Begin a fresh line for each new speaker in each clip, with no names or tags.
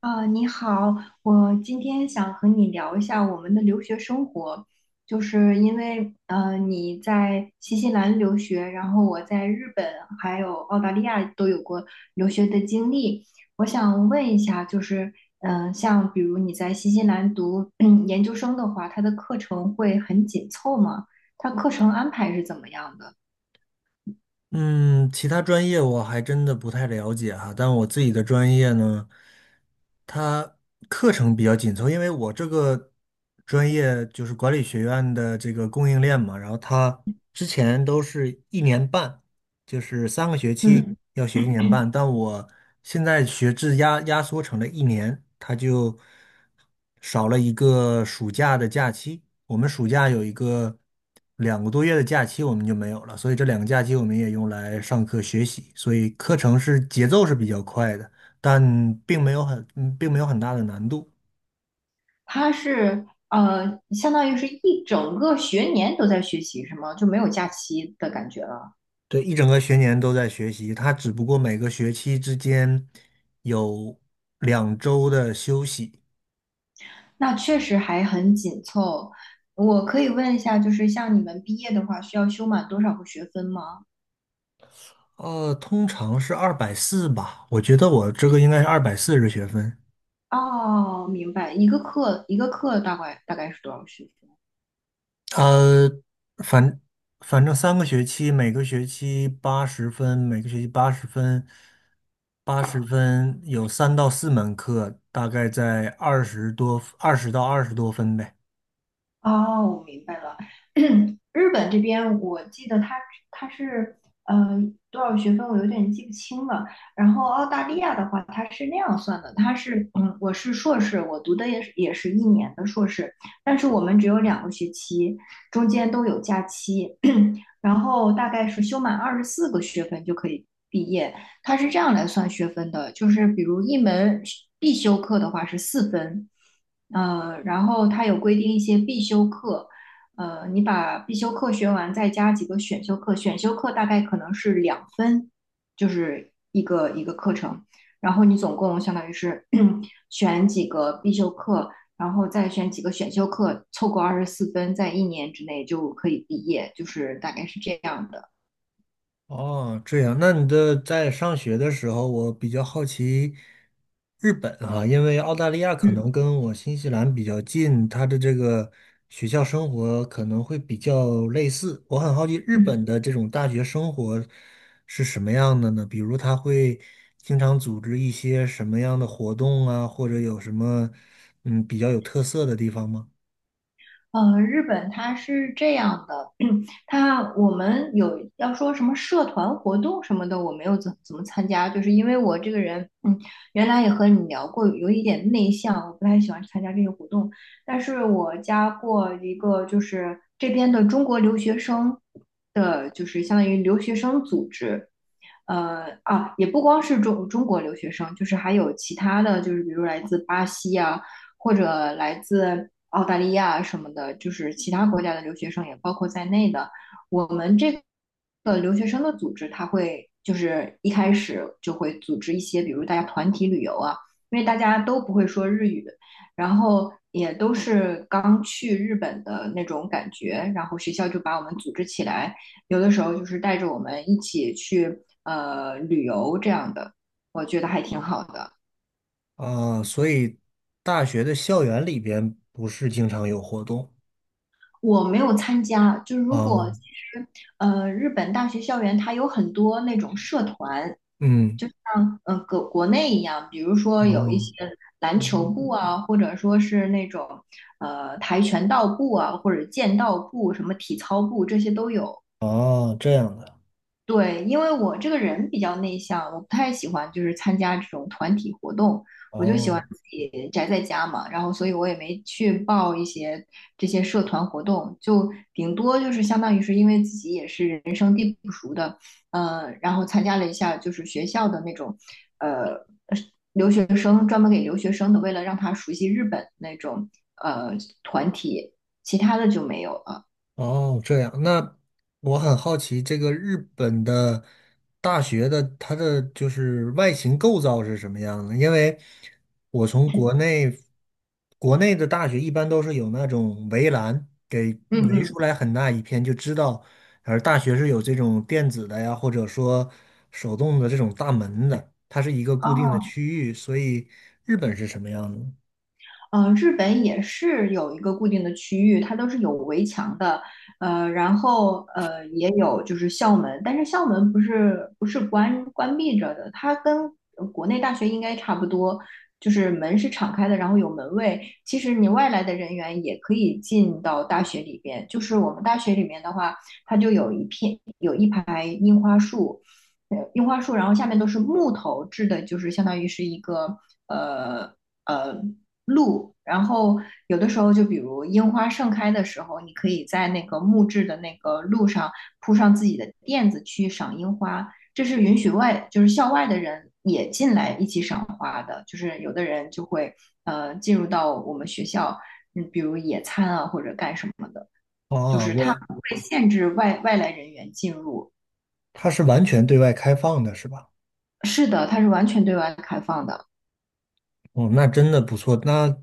啊，你好，我今天想和你聊一下我们的留学生活，就是因为你在新西兰留学，然后我在日本还有澳大利亚都有过留学的经历。我想问一下，就是像比如你在新西兰读 研究生的话，它的课程会很紧凑吗？它课程安排是怎么样的？
嗯，其他专业我还真的不太了解哈，但我自己的专业呢，它课程比较紧凑，因为我这个专业就是管理学院的这个供应链嘛，然后它之前都是一年半，就是三个学期
嗯。
要学一年半，但我现在学制压缩成了一年，它就少了一个暑假的假期。我们暑假有一个2个多月的假期，我们就没有了，所以这两个假期我们也用来上课学习，所以课程是节奏是比较快的，但并没有很，嗯并没有很大的难度。
它是相当于是一整个学年都在学习，是吗？就没有假期的感觉了。
对，一整个学年都在学习，它只不过每个学期之间有2周的休息。
那确实还很紧凑。我可以问一下，就是像你们毕业的话，需要修满多少个学分吗？
通常是二百四吧，我觉得我这个应该是240学分。
哦，明白，一个课一个课大概是多少学分？
呃，反反正三个学期，每个学期八十分，每个学期八十分，八十分有3到4门课，大概在二十多，20到20多分呗。
哦，我明白了。日本这边，我记得它是呃多少学分，我有点记不清了。然后澳大利亚的话，它是那样算的，它是我是硕士，我读的也是一年的硕士，但是我们只有2个学期，中间都有假期。然后大概是修满24个学分就可以毕业。它是这样来算学分的，就是比如一门必修课的话是四分，然后它有规定一些必修课，你把必修课学完，再加几个选修课，选修课大概可能是2分，就是一个一个课程，然后你总共相当于是 选几个必修课，然后再选几个选修课，凑够24分，在一年之内就可以毕业，就是大概是这样的。
哦，这样，那你的在上学的时候，我比较好奇日本啊，因为澳大利亚可
嗯
能跟我新西兰比较近，它的这个学校生活可能会比较类似。我很好奇日
嗯。
本的这种大学生活是什么样的呢？比如他会经常组织一些什么样的活动啊，或者有什么比较有特色的地方吗？
日本它是这样的，它我们有要说什么社团活动什么的，我没有怎么参加，就是因为我这个人，原来也和你聊过，有一点内向，我不太喜欢参加这些活动。但是我加过一个，就是这边的中国留学生的，就是相当于留学生组织，也不光是中国留学生，就是还有其他的，就是比如来自巴西啊，或者来自澳大利亚什么的，就是其他国家的留学生也包括在内的。我们这个留学生的组织，它会就是一开始就会组织一些，比如大家团体旅游啊，因为大家都不会说日语，然后也都是刚去日本的那种感觉，然后学校就把我们组织起来。有的时候就是带着我们一起去旅游这样的，我觉得还挺好的。
啊，所以大学的校园里边不是经常有活动。
我没有参加，就是如
啊。
果其实日本大学校园它有很多那种社团，
嗯，
像国内一样，比如说有一
哦，
些篮球
嗯
部啊，或者说是那种跆拳道部啊，或者剑道部、什么体操部这些都有。
哦，这样的，
对，因为我这个人比较内向，我不太喜欢就是参加这种团体活动，我就喜欢
哦，
自己宅在家嘛，然后所以我也没去报一些这些社团活动，就顶多就是相当于是因为自己也是人生地不熟的，然后参加了一下就是学校的那种，呃，留学生专门给留学生的，为了让他熟悉日本那种呃团体，其他的就没有了。
哦，这样。那我很好奇，这个日本的大学的它的就是外形构造是什么样的？因为我从国内的大学一般都是有那种围栏给
嗯
围
嗯。
出来很大一片，就知道，而大学是有这种电子的呀，或者说手动的这种大门的，它是一个固定的
哦。
区域，所以日本是什么样的？
嗯，日本也是有一个固定的区域，它都是有围墙的，然后也有就是校门，但是校门不是关闭着的，它跟国内大学应该差不多，就是门是敞开的，然后有门卫。其实你外来的人员也可以进到大学里边，就是我们大学里面的话，它就有一片有一排樱花树，樱花树，然后下面都是木头制的，就是相当于是一个呃。呃路，然后有的时候就比如樱花盛开的时候，你可以在那个木质的那个路上铺上自己的垫子去赏樱花，这是允许外就是校外的人也进来一起赏花的，就是有的人就会进入到我们学校，比如野餐啊或者干什么的，就
哦，
是它不会限制外来人员进入。
它是完全对外开放的，是吧？
是的，它是完全对外开放的。
哦，那真的不错。那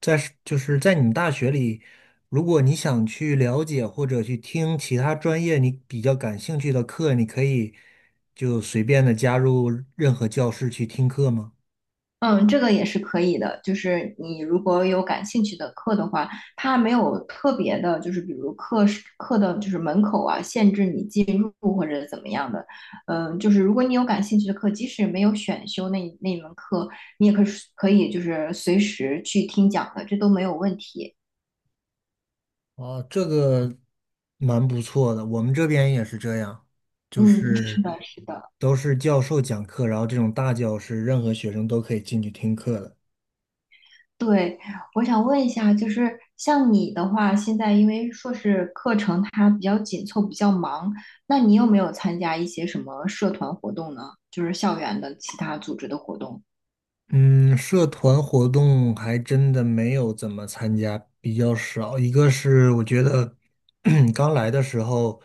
在是就是在你们大学里，如果你想去了解或者去听其他专业你比较感兴趣的课，你可以就随便的加入任何教室去听课吗？
嗯，这个也是可以的。就是你如果有感兴趣的课的话，它没有特别的，就是比如课时课的，就是门口啊，限制你进入或者怎么样的。就是如果你有感兴趣的课，即使没有选修那一门课，你也可以就是随时去听讲的，这都没有问题。
哦，这个蛮不错的，我们这边也是这样，就
嗯，是
是
的，是的。
都是教授讲课，然后这种大教室，任何学生都可以进去听课的。
对。我想问一下，就是像你的话，现在因为硕士课程它比较紧凑，比较忙，那你有没有参加一些什么社团活动呢？就是校园的其他组织的活动？
嗯，社团活动还真的没有怎么参加，比较少。一个是我觉得 刚来的时候，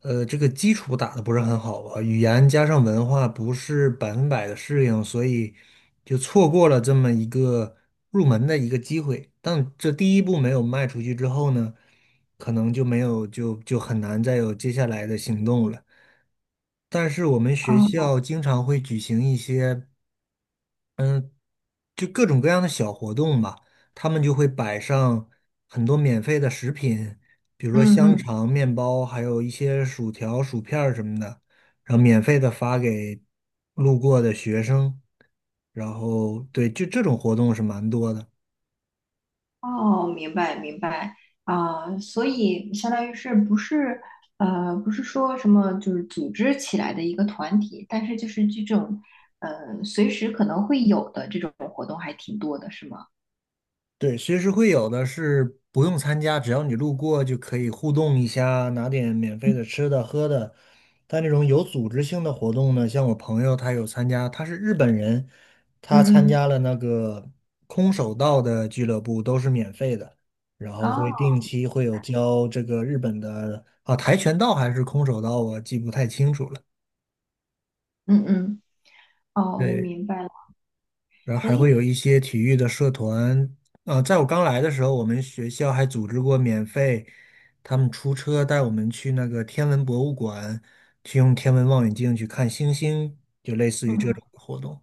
这个基础打得不是很好吧，语言加上文化不是百分百的适应，所以就错过了这么一个入门的一个机会。但这第一步没有迈出去之后呢，可能就没有就很难再有接下来的行动了。但是我们学
哦，
校经常会举行一些。就各种各样的小活动吧，他们就会摆上很多免费的食品，比如说
嗯
香
嗯，
肠、面包，还有一些薯条、薯片儿什么的，然后免费的发给路过的学生。然后对，就这种活动是蛮多的。
哦，明白明白啊，所以相当于是不是不是说什么就是组织起来的一个团体，但是就是这种随时可能会有的这种活动还挺多的，是吗？
对，随时会有的是不用参加，只要你路过就可以互动一下，拿点免费的吃的喝的。但这种有组织性的活动呢，像我朋友他有参加，他是日本人，他参
嗯嗯。
加了那个空手道的俱乐部，都是免费的，然后会
哦。
定期会有教这个日本的啊跆拳道还是空手道，我记不太清楚了。
嗯嗯。哦，我
对，
明白了。
然后还会
诶。
有一些体育的社团。啊、在我刚来的时候，我们学校还组织过免费，他们出车带我们去那个天文博物馆，去用天文望远镜去看星星，就类似
嗯
于这
嗯。
种活动。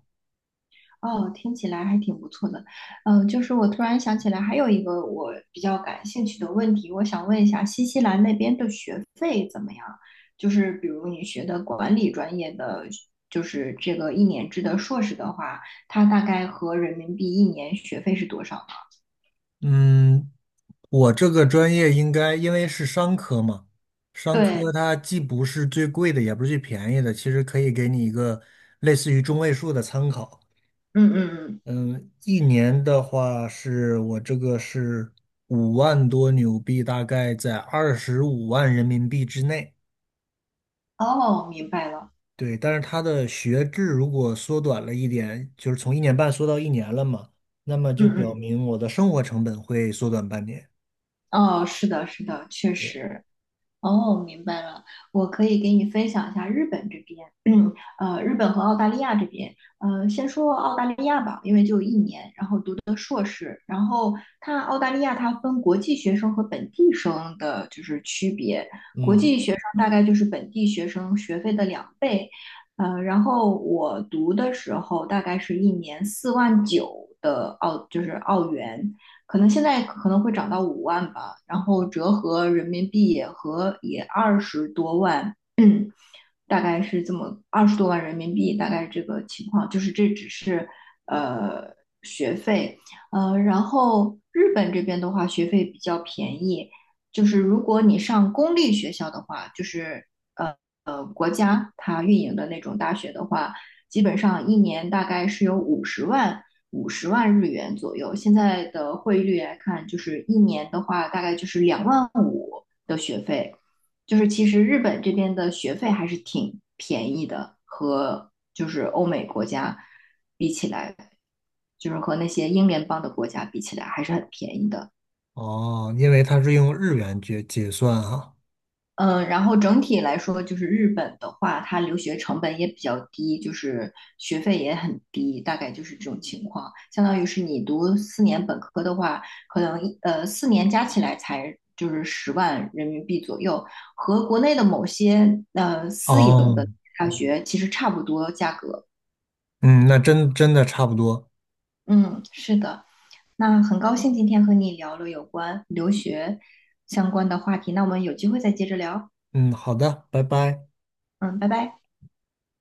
哦，听起来还挺不错的。就是我突然想起来，还有一个我比较感兴趣的问题。我想问一下，新西兰那边的学费怎么样？就是比如你学的管理专业的，就是这个一年制的硕士的话，它大概合人民币一年学费是多少呢？
嗯，我这个专业应该因为是商科嘛，商科
对。
它既不是最贵的，也不是最便宜的，其实可以给你一个类似于中位数的参考。
嗯嗯嗯。
嗯，一年的话是我这个是5万多纽币，大概在25万人民币之内。
哦，明白了。
对，但是它的学制如果缩短了一点，就是从一年半缩到一年了嘛，那么就表
嗯
明我的生活成本会缩短半年。
嗯。哦，是的，是的，确
对，
实。哦，明白了。我可以给你分享一下日本这边，日本和澳大利亚这边，先说澳大利亚吧，因为就一年，然后读的硕士，然后它澳大利亚它分国际学生和本地生的就是区别，国
嗯，
际学生大概就是本地学生学费的两倍，然后我读的时候大概是一年4万9的澳，就是澳元，可能现在可能会涨到5万吧，然后折合人民币也和也二十多万，大概是这么二十多万人民币，大概这个情况，就是这只是呃学费，然后日本这边的话学费比较便宜，就是如果你上公立学校的话，就是呃国家它运营的那种大学的话，基本上一年大概是有五十万。五十万日元左右，现在的汇率来看，就是一年的话，大概就是2万5的学费。就是其实日本这边的学费还是挺便宜的，和就是欧美国家比起来，就是和那些英联邦的国家比起来，还是很便宜的。
哦，因为它是用日元结算哈。
嗯，然后整体来说，就是日本的话，它留学成本也比较低，就是学费也很低，大概就是这种情况。相当于是你读四年本科的话，可能四年加起来才就是十万人民币左右，和国内的某些私营
哦，
的大学其实差不多价格。
嗯，那真的差不多。
嗯，是的。那很高兴今天和你聊了有关留学相关的话题，那我们有机会再接着聊。
嗯，好的，拜拜。
嗯，拜拜。